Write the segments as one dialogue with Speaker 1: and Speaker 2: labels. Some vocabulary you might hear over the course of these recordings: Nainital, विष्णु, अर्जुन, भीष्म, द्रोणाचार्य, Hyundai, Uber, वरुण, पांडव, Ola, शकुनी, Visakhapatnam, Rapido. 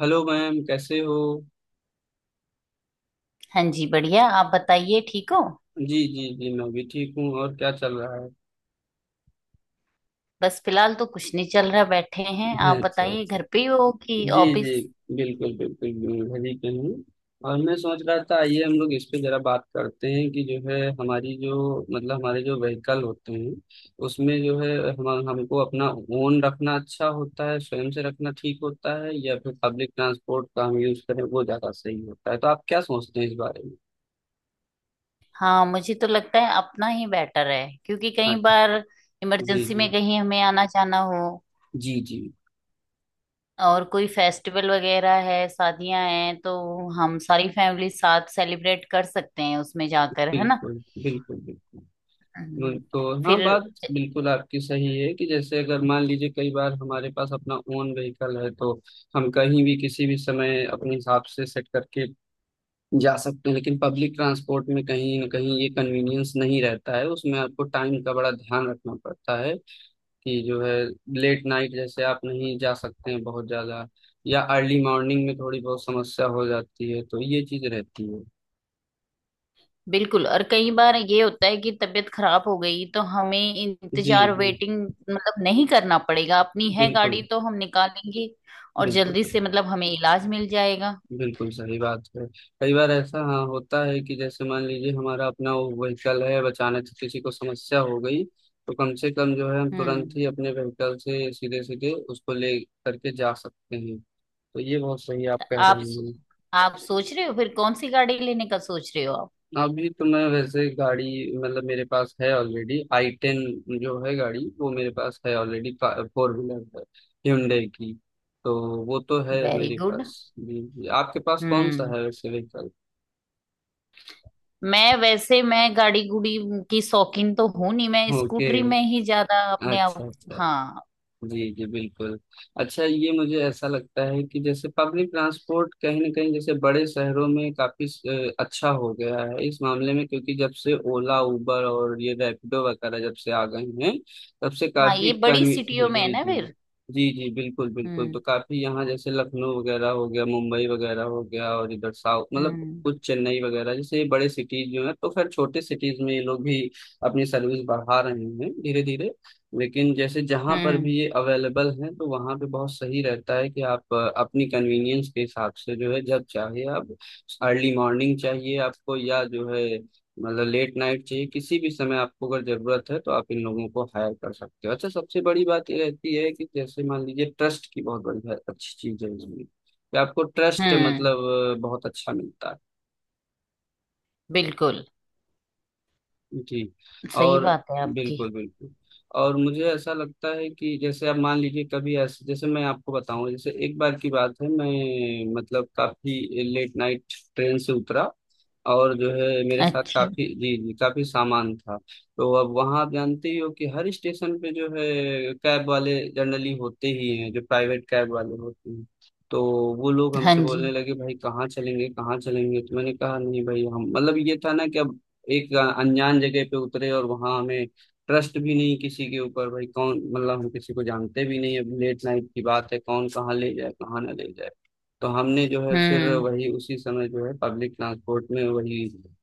Speaker 1: Hello ma'am, कैसे हो।
Speaker 2: हाँ जी, बढ़िया। आप बताइए, ठीक हो?
Speaker 1: जी जी जी, मैं भी ठीक हूँ। और क्या चल रहा है।
Speaker 2: बस फिलहाल तो कुछ नहीं चल रहा, बैठे हैं। आप
Speaker 1: अच्छा
Speaker 2: बताइए,
Speaker 1: अच्छा।
Speaker 2: घर पे ही हो कि
Speaker 1: जी जी।
Speaker 2: ऑफिस?
Speaker 1: बिल्कुल बिल्कुल बिल्कुल, घर ही पे हूँ। और मैं सोच रहा था, आइए हम लोग इस पे जरा बात करते हैं कि जो है हमारी जो मतलब हमारे जो व्हीकल होते हैं उसमें जो है हम हमको अपना ओन रखना अच्छा होता है, स्वयं से रखना ठीक होता है, या फिर पब्लिक ट्रांसपोर्ट का हम यूज करें वो ज्यादा सही होता है, तो आप क्या सोचते हैं इस बारे में।
Speaker 2: हाँ, मुझे तो लगता है अपना ही बेटर है, क्योंकि कई
Speaker 1: अच्छा।
Speaker 2: बार
Speaker 1: जी
Speaker 2: इमरजेंसी
Speaker 1: जी।
Speaker 2: में कहीं हमें आना जाना हो
Speaker 1: जी जी।
Speaker 2: और कोई फेस्टिवल वगैरह है, शादियां हैं, तो हम सारी फैमिली साथ सेलिब्रेट कर सकते हैं उसमें जाकर, है ना।
Speaker 1: बिल्कुल बिल्कुल बिल्कुल।
Speaker 2: हम्म।
Speaker 1: बिल्कुल
Speaker 2: फिर
Speaker 1: हाँ, बात बिल्कुल आपकी सही है कि जैसे अगर मान लीजिए कई बार हमारे पास अपना ओन व्हीकल है तो हम कहीं भी, किसी भी समय, अपने हिसाब से सेट करके जा सकते हैं। लेकिन पब्लिक ट्रांसपोर्ट में कहीं ना कहीं ये कन्वीनियंस नहीं रहता है, उसमें आपको टाइम का बड़ा ध्यान रखना पड़ता है कि जो है लेट नाइट जैसे आप नहीं जा सकते हैं बहुत ज्यादा, या अर्ली मॉर्निंग में थोड़ी बहुत समस्या हो जाती है, तो ये चीज रहती है।
Speaker 2: बिल्कुल। और कई बार ये होता है कि तबीयत खराब हो गई तो हमें
Speaker 1: जी
Speaker 2: इंतजार,
Speaker 1: जी।
Speaker 2: वेटिंग मतलब नहीं करना पड़ेगा, अपनी है गाड़ी
Speaker 1: बिल्कुल
Speaker 2: तो हम निकालेंगे और
Speaker 1: बिल्कुल।
Speaker 2: जल्दी से मतलब हमें इलाज मिल जाएगा।
Speaker 1: बिल्कुल सही बात है। कई बार ऐसा हाँ होता है कि जैसे मान लीजिए हमारा अपना वो व्हीकल है, अब अचानक से किसी को समस्या हो गई, तो कम से कम जो है हम तुरंत
Speaker 2: हम्म।
Speaker 1: ही अपने व्हीकल से सीधे सीधे उसको ले करके जा सकते हैं। तो ये बहुत सही आप कह रहे
Speaker 2: आप
Speaker 1: हैं।
Speaker 2: आप सोच रहे हो फिर कौन सी गाड़ी लेने का सोच रहे हो आप?
Speaker 1: अभी तो मैं वैसे गाड़ी मतलब मेरे पास है ऑलरेडी i10, जो है गाड़ी वो मेरे पास है ऑलरेडी, फोर व्हीलर है Hyundai की। तो वो तो है
Speaker 2: वेरी
Speaker 1: मेरे
Speaker 2: गुड।
Speaker 1: पास, जी जी। आपके पास कौन सा
Speaker 2: हम्म।
Speaker 1: है वैसे व्हीकल।
Speaker 2: मैं वैसे मैं गाड़ी गुड़ी की शौकीन तो हूं नहीं, मैं
Speaker 1: ओके।
Speaker 2: स्कूटरी में ही ज्यादा अपने
Speaker 1: अच्छा
Speaker 2: आप।
Speaker 1: अच्छा।
Speaker 2: हाँ।
Speaker 1: जी जी बिल्कुल। अच्छा, ये मुझे ऐसा लगता है कि जैसे पब्लिक ट्रांसपोर्ट कहीं ना कहीं जैसे बड़े शहरों में काफी अच्छा हो गया है इस मामले में, क्योंकि जब से ओला उबर और ये रैपिडो वगैरह जब से आ गए हैं, तब से
Speaker 2: हाँ,
Speaker 1: काफी
Speaker 2: ये बड़ी
Speaker 1: कन्वी
Speaker 2: सिटियों में है
Speaker 1: जी
Speaker 2: ना
Speaker 1: जी।
Speaker 2: फिर।
Speaker 1: जी जी बिल्कुल बिल्कुल।
Speaker 2: हम्म।
Speaker 1: तो काफी यहाँ जैसे लखनऊ वगैरह हो गया, मुंबई वगैरह हो गया, और इधर साउथ मतलब
Speaker 2: हम्म।
Speaker 1: कुछ चेन्नई वगैरह, जैसे ये बड़े सिटीज जो है, तो खैर छोटे सिटीज में ये लोग भी अपनी सर्विस बढ़ा रहे हैं धीरे धीरे। लेकिन जैसे जहाँ पर भी
Speaker 2: हम्म।
Speaker 1: ये अवेलेबल है तो वहाँ पे बहुत सही रहता है कि आप अपनी कन्वीनियंस के हिसाब से जो है जब चाहे आप अर्ली मॉर्निंग चाहिए आपको, या जो है मतलब लेट नाइट चाहिए, किसी भी समय आपको अगर जरूरत है तो आप इन लोगों को हायर कर सकते हो। अच्छा, सबसे बड़ी बात ये रहती है कि जैसे मान लीजिए ट्रस्ट की बहुत बड़ी अच्छी चीज है इसमें कि आपको ट्रस्ट
Speaker 2: हम्म।
Speaker 1: मतलब बहुत अच्छा मिलता है।
Speaker 2: बिल्कुल,
Speaker 1: जी।
Speaker 2: सही
Speaker 1: और
Speaker 2: बात है आपकी।
Speaker 1: बिल्कुल बिल्कुल। और मुझे ऐसा लगता है कि जैसे आप मान लीजिए कभी ऐसे जैसे मैं आपको बताऊं, जैसे एक बार की बात है मैं मतलब काफी लेट नाइट ट्रेन से उतरा, और जो है मेरे साथ
Speaker 2: अच्छा।
Speaker 1: काफी जी जी काफी सामान था। तो अब वहां आप जानते ही हो कि हर स्टेशन पे जो है कैब वाले जनरली होते ही हैं, जो प्राइवेट कैब वाले होते हैं, तो वो लोग
Speaker 2: हाँ
Speaker 1: हमसे
Speaker 2: जी।
Speaker 1: बोलने लगे भाई कहाँ चलेंगे, कहाँ चलेंगे। तो मैंने कहा नहीं भाई हम मतलब ये था ना कि अब एक अनजान जगह पे उतरे और वहां हमें ट्रस्ट भी नहीं किसी के ऊपर, भाई कौन, मतलब हम किसी को जानते भी नहीं, अब लेट नाइट की बात है, कौन कहाँ ले जाए, कहाँ ना ले जाए। तो हमने जो है फिर
Speaker 2: हम्म।
Speaker 1: वही उसी समय जो है पब्लिक ट्रांसपोर्ट में वही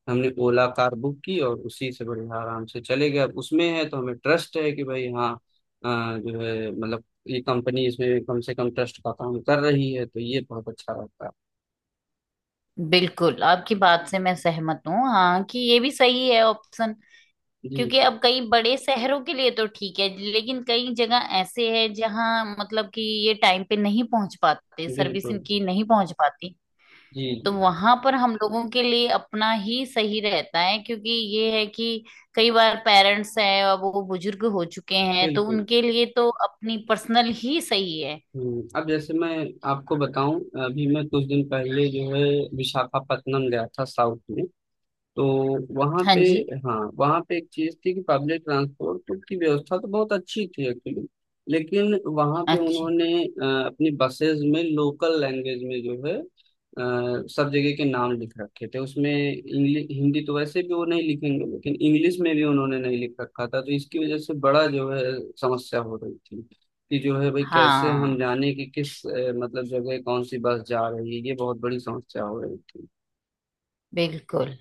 Speaker 1: हमने ओला कार बुक की, और उसी से बढ़िया आराम से चले गए। अब उसमें है तो हमें ट्रस्ट है कि भाई हाँ जो है मतलब ये कंपनी इसमें कम से कम ट्रस्ट का काम कर रही है, तो ये बहुत अच्छा रहता है।
Speaker 2: बिल्कुल आपकी बात से मैं सहमत हूँ, हाँ, कि ये भी सही है ऑप्शन।
Speaker 1: जी
Speaker 2: क्योंकि अब कई बड़े शहरों के लिए तो ठीक है, लेकिन कई जगह ऐसे है जहाँ मतलब कि ये टाइम पे नहीं पहुंच पाते, सर्विस
Speaker 1: बिल्कुल।
Speaker 2: इनकी नहीं पहुंच पाती।
Speaker 1: जी
Speaker 2: तो
Speaker 1: जी
Speaker 2: वहां पर हम लोगों के लिए अपना ही सही रहता है, क्योंकि ये है कि कई बार पेरेंट्स हैं और वो बुजुर्ग हो चुके हैं, तो
Speaker 1: बिल्कुल।
Speaker 2: उनके लिए तो अपनी पर्सनल ही सही है।
Speaker 1: अब जैसे मैं आपको बताऊं, अभी मैं कुछ दिन पहले जो है विशाखापत्तनम गया था साउथ में, तो वहाँ
Speaker 2: हाँ
Speaker 1: पे,
Speaker 2: जी।
Speaker 1: हाँ वहाँ पे एक चीज थी कि पब्लिक ट्रांसपोर्ट की व्यवस्था तो बहुत अच्छी थी एक्चुअली। लेकिन वहाँ पे
Speaker 2: अच्छा।
Speaker 1: उन्होंने अपनी बसेस में लोकल लैंग्वेज में जो है सब जगह के नाम लिख रखे थे, उसमें इंग्लिश हिंदी तो वैसे भी वो नहीं लिखेंगे, लेकिन इंग्लिश में भी उन्होंने नहीं लिख रखा था, तो इसकी वजह से बड़ा जो है समस्या हो रही थी, कि जो है भाई कैसे हम
Speaker 2: हाँ,
Speaker 1: जाने कि किस मतलब जगह कौन सी बस जा रही है, ये बहुत बड़ी समस्या हो रही थी।
Speaker 2: बिल्कुल।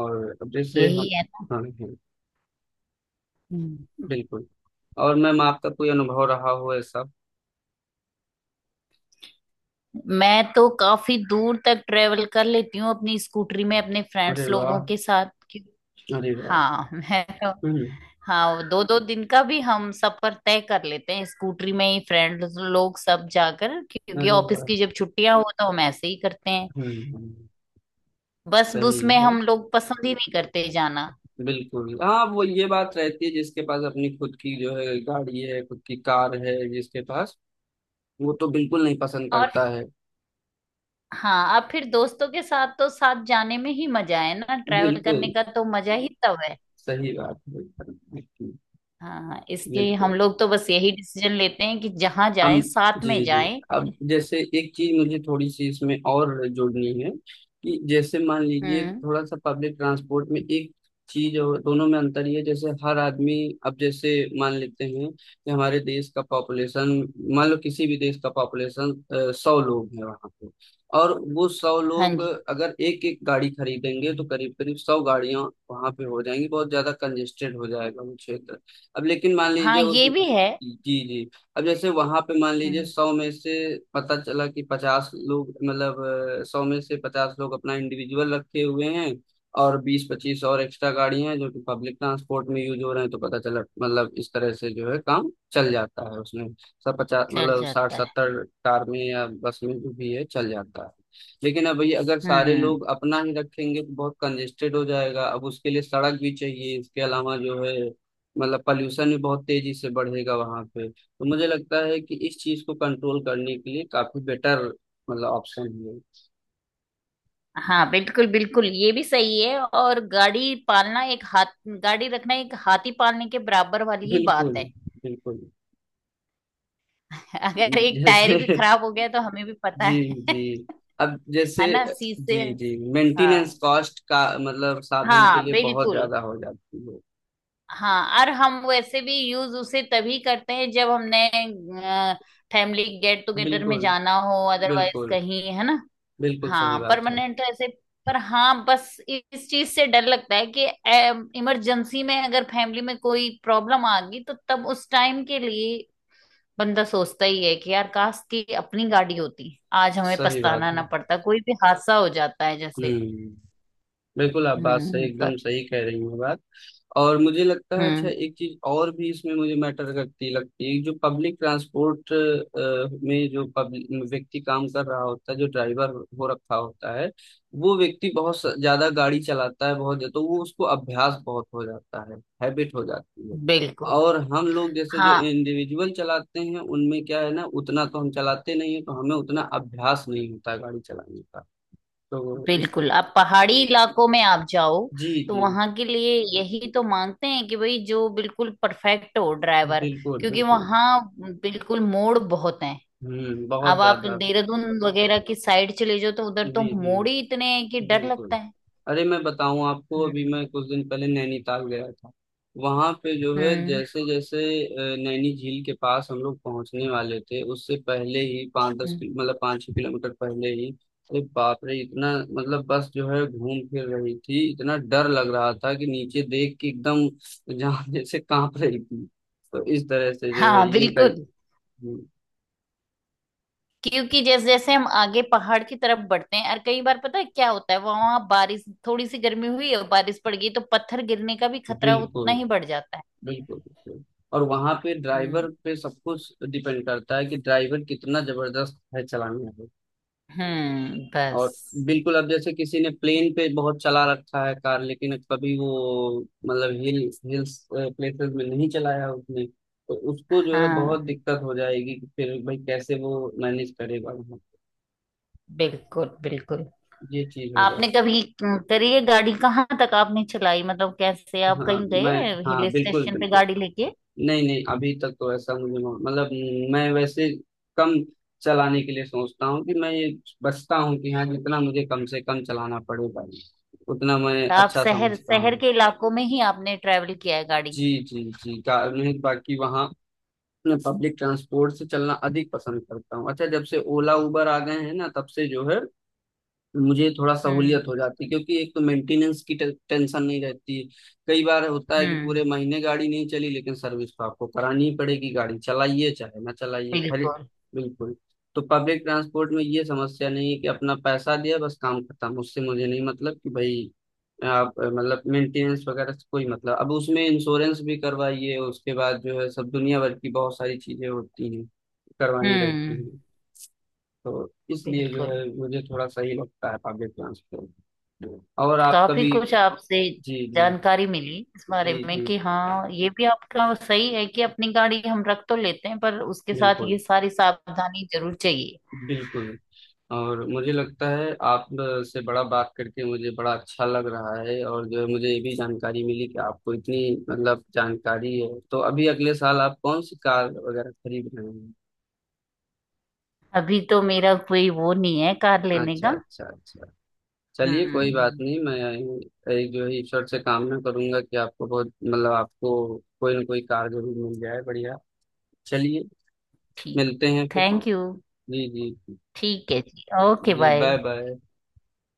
Speaker 1: और अब जैसे
Speaker 2: यही
Speaker 1: हम,
Speaker 2: है ना।
Speaker 1: हाँ हाँ,
Speaker 2: हम्म।
Speaker 1: बिल्कुल। और मैम, आपका कोई अनुभव रहा हो ऐसा।
Speaker 2: मैं तो काफी दूर तक ट्रेवल कर लेती हूँ अपनी स्कूटरी में अपने
Speaker 1: अरे
Speaker 2: फ्रेंड्स लोगों
Speaker 1: वाह।
Speaker 2: के साथ कि-
Speaker 1: अरे वाह।
Speaker 2: हाँ। मैं तो,
Speaker 1: हम्म।
Speaker 2: हाँ, दो दो दिन का भी हम सफर तय कर लेते हैं स्कूटरी में ही, फ्रेंड्स लोग सब जाकर, क्योंकि
Speaker 1: अरे
Speaker 2: ऑफिस
Speaker 1: वाह।
Speaker 2: की जब छुट्टियां हो तो हम ऐसे ही करते हैं।
Speaker 1: हम्म हम्म,
Speaker 2: बस बस
Speaker 1: सही
Speaker 2: में
Speaker 1: है।
Speaker 2: हम लोग पसंद ही नहीं करते जाना।
Speaker 1: बिल्कुल हाँ, वो ये बात रहती है, जिसके पास अपनी खुद की जो है गाड़ी है, खुद की कार है जिसके पास, वो तो बिल्कुल नहीं पसंद
Speaker 2: और
Speaker 1: करता है।
Speaker 2: हाँ, अब फिर दोस्तों के साथ तो साथ जाने में ही मजा है ना, ट्रैवल
Speaker 1: बिल्कुल
Speaker 2: करने का तो मजा ही तब है।
Speaker 1: सही बात है।
Speaker 2: हाँ, इसलिए
Speaker 1: बिल्कुल।
Speaker 2: हम लोग तो बस यही डिसीजन लेते हैं कि जहां
Speaker 1: हम।
Speaker 2: जाएं साथ
Speaker 1: जी
Speaker 2: में
Speaker 1: जी।
Speaker 2: जाएं।
Speaker 1: अब जैसे एक चीज मुझे थोड़ी सी इसमें और जोड़नी है, कि जैसे मान लीजिए
Speaker 2: हम्म।
Speaker 1: थोड़ा सा पब्लिक ट्रांसपोर्ट में एक चीज और दोनों में अंतर ये है, जैसे हर आदमी, अब जैसे मान लेते हैं कि हमारे देश का पॉपुलेशन, मान लो किसी भी देश का पॉपुलेशन 100 लोग है वहां पे, और वो 100
Speaker 2: हाँ
Speaker 1: लोग
Speaker 2: जी।
Speaker 1: अगर एक एक गाड़ी खरीदेंगे तो करीब करीब 100 गाड़ियां वहां पे हो जाएंगी, बहुत ज्यादा कंजेस्टेड हो जाएगा वो क्षेत्र। अब लेकिन मान लीजिए
Speaker 2: हाँ,
Speaker 1: उस
Speaker 2: ये भी है।
Speaker 1: जी जी, अब जैसे वहां पे मान लीजिए
Speaker 2: हम्म।
Speaker 1: 100 में से पता चला कि 50 लोग, मतलब 100 में से 50 लोग अपना इंडिविजुअल रखे हुए हैं, और 20-25 और एक्स्ट्रा गाड़ियां हैं जो कि पब्लिक ट्रांसपोर्ट में यूज हो रहे हैं, तो पता चला, मतलब इस तरह से जो है काम चल जाता है उसमें, सब 50
Speaker 2: चल
Speaker 1: मतलब साठ
Speaker 2: जाता है।
Speaker 1: सत्तर कार में या बस में जो भी है चल जाता है। लेकिन अब ये अगर सारे
Speaker 2: हम्म।
Speaker 1: लोग अपना ही रखेंगे तो बहुत कंजेस्टेड हो जाएगा, अब उसके लिए सड़क भी चाहिए, इसके अलावा जो है मतलब पॉल्यूशन भी बहुत तेजी से बढ़ेगा वहां पे। तो मुझे लगता है कि इस चीज को कंट्रोल करने के लिए काफी बेटर मतलब ऑप्शन है।
Speaker 2: हाँ, बिल्कुल बिल्कुल, ये भी सही है। और गाड़ी पालना एक हाथ, गाड़ी रखना एक हाथी पालने के बराबर वाली ही
Speaker 1: बिल्कुल
Speaker 2: बात है।
Speaker 1: बिल्कुल।
Speaker 2: अगर एक टायर
Speaker 1: जैसे
Speaker 2: भी खराब हो गया तो हमें भी पता
Speaker 1: जी
Speaker 2: है।
Speaker 1: जी। अब जैसे,
Speaker 2: है ना,
Speaker 1: जी
Speaker 2: शीशे।
Speaker 1: जी मेंटेनेंस
Speaker 2: हाँ।
Speaker 1: कॉस्ट का मतलब साधन के
Speaker 2: हाँ,
Speaker 1: लिए बहुत
Speaker 2: बिल्कुल।
Speaker 1: ज्यादा हो जाती है।
Speaker 2: हाँ, और हम वैसे भी यूज उसे तभी करते हैं जब हमने फैमिली गेट टुगेदर में
Speaker 1: बिल्कुल
Speaker 2: जाना हो, अदरवाइज
Speaker 1: बिल्कुल।
Speaker 2: कहीं, है ना।
Speaker 1: बिल्कुल सही
Speaker 2: हाँ,
Speaker 1: बात है।
Speaker 2: परमानेंट तो ऐसे, पर हाँ, बस इस चीज से डर लगता है कि इमरजेंसी में अगर फैमिली में कोई प्रॉब्लम आ गई तो तब उस टाइम के लिए बंदा सोचता ही है कि यार, काश की अपनी गाड़ी होती, आज हमें
Speaker 1: सही
Speaker 2: पछताना
Speaker 1: बात
Speaker 2: ना
Speaker 1: है।
Speaker 2: पड़ता, कोई भी हादसा हो जाता है जैसे।
Speaker 1: हम्म, बिल्कुल आप बात सही,
Speaker 2: हम्म। पर।
Speaker 1: एकदम सही कह रही हैं बात। और मुझे लगता है, अच्छा
Speaker 2: हम्म।
Speaker 1: एक चीज और भी इसमें मुझे मैटर करती लगती है, जो पब्लिक ट्रांसपोर्ट में जो पब्लिक व्यक्ति काम कर रहा होता है जो ड्राइवर हो रखा होता है, वो व्यक्ति बहुत ज्यादा गाड़ी चलाता है बहुत, तो वो उसको अभ्यास बहुत हो जाता है, हैबिट हो जाती है।
Speaker 2: बिल्कुल।
Speaker 1: और हम लोग जैसे जो
Speaker 2: हाँ
Speaker 1: इंडिविजुअल चलाते हैं उनमें क्या है ना, उतना तो हम चलाते नहीं है, तो हमें उतना अभ्यास नहीं होता गाड़ी चलाने का, तो इस,
Speaker 2: बिल्कुल, आप पहाड़ी इलाकों में आप जाओ
Speaker 1: जी
Speaker 2: तो
Speaker 1: जी
Speaker 2: वहां के लिए यही तो मांगते हैं कि भाई जो बिल्कुल परफेक्ट हो ड्राइवर,
Speaker 1: बिल्कुल
Speaker 2: क्योंकि
Speaker 1: बिल्कुल।
Speaker 2: वहां बिल्कुल मोड़ बहुत हैं।
Speaker 1: हम्म, बहुत
Speaker 2: अब आप
Speaker 1: ज्यादा।
Speaker 2: देहरादून वगैरह की साइड चले जाओ तो उधर तो
Speaker 1: जी जी
Speaker 2: मोड़ ही इतने हैं कि डर लगता
Speaker 1: बिल्कुल।
Speaker 2: है।
Speaker 1: अरे, मैं बताऊं आपको,
Speaker 2: हम्म।
Speaker 1: अभी मैं कुछ दिन पहले नैनीताल गया था, वहां पे जो है
Speaker 2: हम्म।
Speaker 1: जैसे जैसे नैनी झील के पास हम लोग पहुंचने वाले थे, उससे पहले ही पाँच दस
Speaker 2: हम्म।
Speaker 1: किलो मतलब 5-6 किलोमीटर पहले ही, अरे बाप रे इतना, मतलब बस जो है घूम फिर रही थी, इतना डर लग रहा था कि नीचे देख के एकदम जान जैसे कांप रही थी। तो इस तरह से जो है
Speaker 2: हाँ
Speaker 1: ये कर,
Speaker 2: बिल्कुल, क्योंकि जैसे जैसे हम आगे पहाड़ की तरफ बढ़ते हैं, और कई बार पता है क्या होता है, वहां बारिश, थोड़ी सी गर्मी हुई और बारिश पड़ गई तो पत्थर गिरने का भी खतरा
Speaker 1: बिल्कुल
Speaker 2: उतना ही बढ़ जाता
Speaker 1: बिल्कुल बिल्कुल। और वहां पे
Speaker 2: है।
Speaker 1: ड्राइवर पे सब कुछ डिपेंड करता है कि ड्राइवर कितना जबरदस्त है चलाने में।
Speaker 2: हम्म। बस।
Speaker 1: और बिल्कुल, अब जैसे किसी ने प्लेन पे बहुत चला रखा है कार, लेकिन कभी वो मतलब हिल, हिल्स प्लेसेस में नहीं चलाया उसने, तो उसको जो है बहुत
Speaker 2: हाँ
Speaker 1: दिक्कत हो जाएगी कि फिर भाई कैसे वो मैनेज करेगा वहाँ पे।
Speaker 2: बिल्कुल बिल्कुल।
Speaker 1: ये चीज हो
Speaker 2: आपने
Speaker 1: जाती।
Speaker 2: कभी करी है गाड़ी, कहाँ तक आपने चलाई, मतलब कैसे, आप
Speaker 1: हाँ
Speaker 2: कहीं
Speaker 1: मैं,
Speaker 2: गए हिल
Speaker 1: हाँ बिल्कुल
Speaker 2: स्टेशन पे
Speaker 1: बिल्कुल।
Speaker 2: गाड़ी लेके?
Speaker 1: नहीं नहीं, अभी तक तो ऐसा मुझे मतलब मैं वैसे कम चलाने के लिए सोचता हूँ कि मैं ये बचता हूँ कि हाँ जितना मुझे कम से कम चलाना पड़ेगा ये, उतना मैं
Speaker 2: तो आप
Speaker 1: अच्छा
Speaker 2: शहर
Speaker 1: समझता
Speaker 2: शहर
Speaker 1: हूँ।
Speaker 2: के इलाकों में ही आपने ट्रेवल किया है गाड़ी?
Speaker 1: जी जी जी, कार में, बाकी वहाँ मैं पब्लिक ट्रांसपोर्ट से चलना अधिक पसंद करता हूँ। अच्छा, जब से ओला उबर आ गए हैं ना, तब से जो है मुझे थोड़ा सहूलियत
Speaker 2: हम्म।
Speaker 1: हो जाती, क्योंकि एक तो मेंटेनेंस की टेंशन नहीं रहती। कई बार होता है कि पूरे
Speaker 2: हम्म।
Speaker 1: महीने गाड़ी नहीं चली, लेकिन सर्विस तो आपको करानी ही पड़ेगी, गाड़ी चलाइए चाहे ना चलाइए खरी
Speaker 2: बिल्कुल।
Speaker 1: बिल्कुल। तो पब्लिक ट्रांसपोर्ट में ये समस्या नहीं है कि अपना पैसा दिया, बस काम खत्म, उससे मुझे नहीं, मतलब कि भाई आप मतलब मेंटेनेंस वगैरह से कोई मतलब, अब उसमें इंश्योरेंस भी करवाइए, उसके बाद जो है सब दुनिया भर की बहुत सारी चीजें होती हैं करवानी
Speaker 2: हम्म।
Speaker 1: रहती हैं। तो इसलिए जो
Speaker 2: बिल्कुल,
Speaker 1: है मुझे थोड़ा सही लगता है पब्लिक ट्रांसपोर्ट। और आप
Speaker 2: काफी
Speaker 1: कभी,
Speaker 2: कुछ आपसे
Speaker 1: जी जी,
Speaker 2: जानकारी मिली इस
Speaker 1: जी
Speaker 2: बारे में
Speaker 1: जी
Speaker 2: कि हाँ, ये भी आपका सही है कि अपनी गाड़ी हम रख तो लेते हैं पर उसके साथ
Speaker 1: बिल्कुल
Speaker 2: ये सारी सावधानी जरूर चाहिए।
Speaker 1: बिल्कुल। और मुझे लगता है आप से बड़ा, बात करके मुझे बड़ा अच्छा लग रहा है, और जो है मुझे ये भी जानकारी मिली कि आपको इतनी मतलब जानकारी है, तो अभी अगले साल आप कौन सी कार वगैरह खरीद रहे हैं।
Speaker 2: अभी तो मेरा कोई वो नहीं है कार लेने
Speaker 1: अच्छा
Speaker 2: का।
Speaker 1: अच्छा अच्छा। चलिए कोई बात
Speaker 2: हम्म।
Speaker 1: नहीं, मैं एक जो है ईश्वर से कामना करूंगा कि आपको बहुत, मतलब आपको कोई ना कोई कार जरूर मिल जाए बढ़िया। चलिए
Speaker 2: ठीक।
Speaker 1: मिलते हैं फिर।
Speaker 2: Thank you.
Speaker 1: जी जी।
Speaker 2: ठीक है जी। ओके,
Speaker 1: जी बाय
Speaker 2: बाय।
Speaker 1: बाय।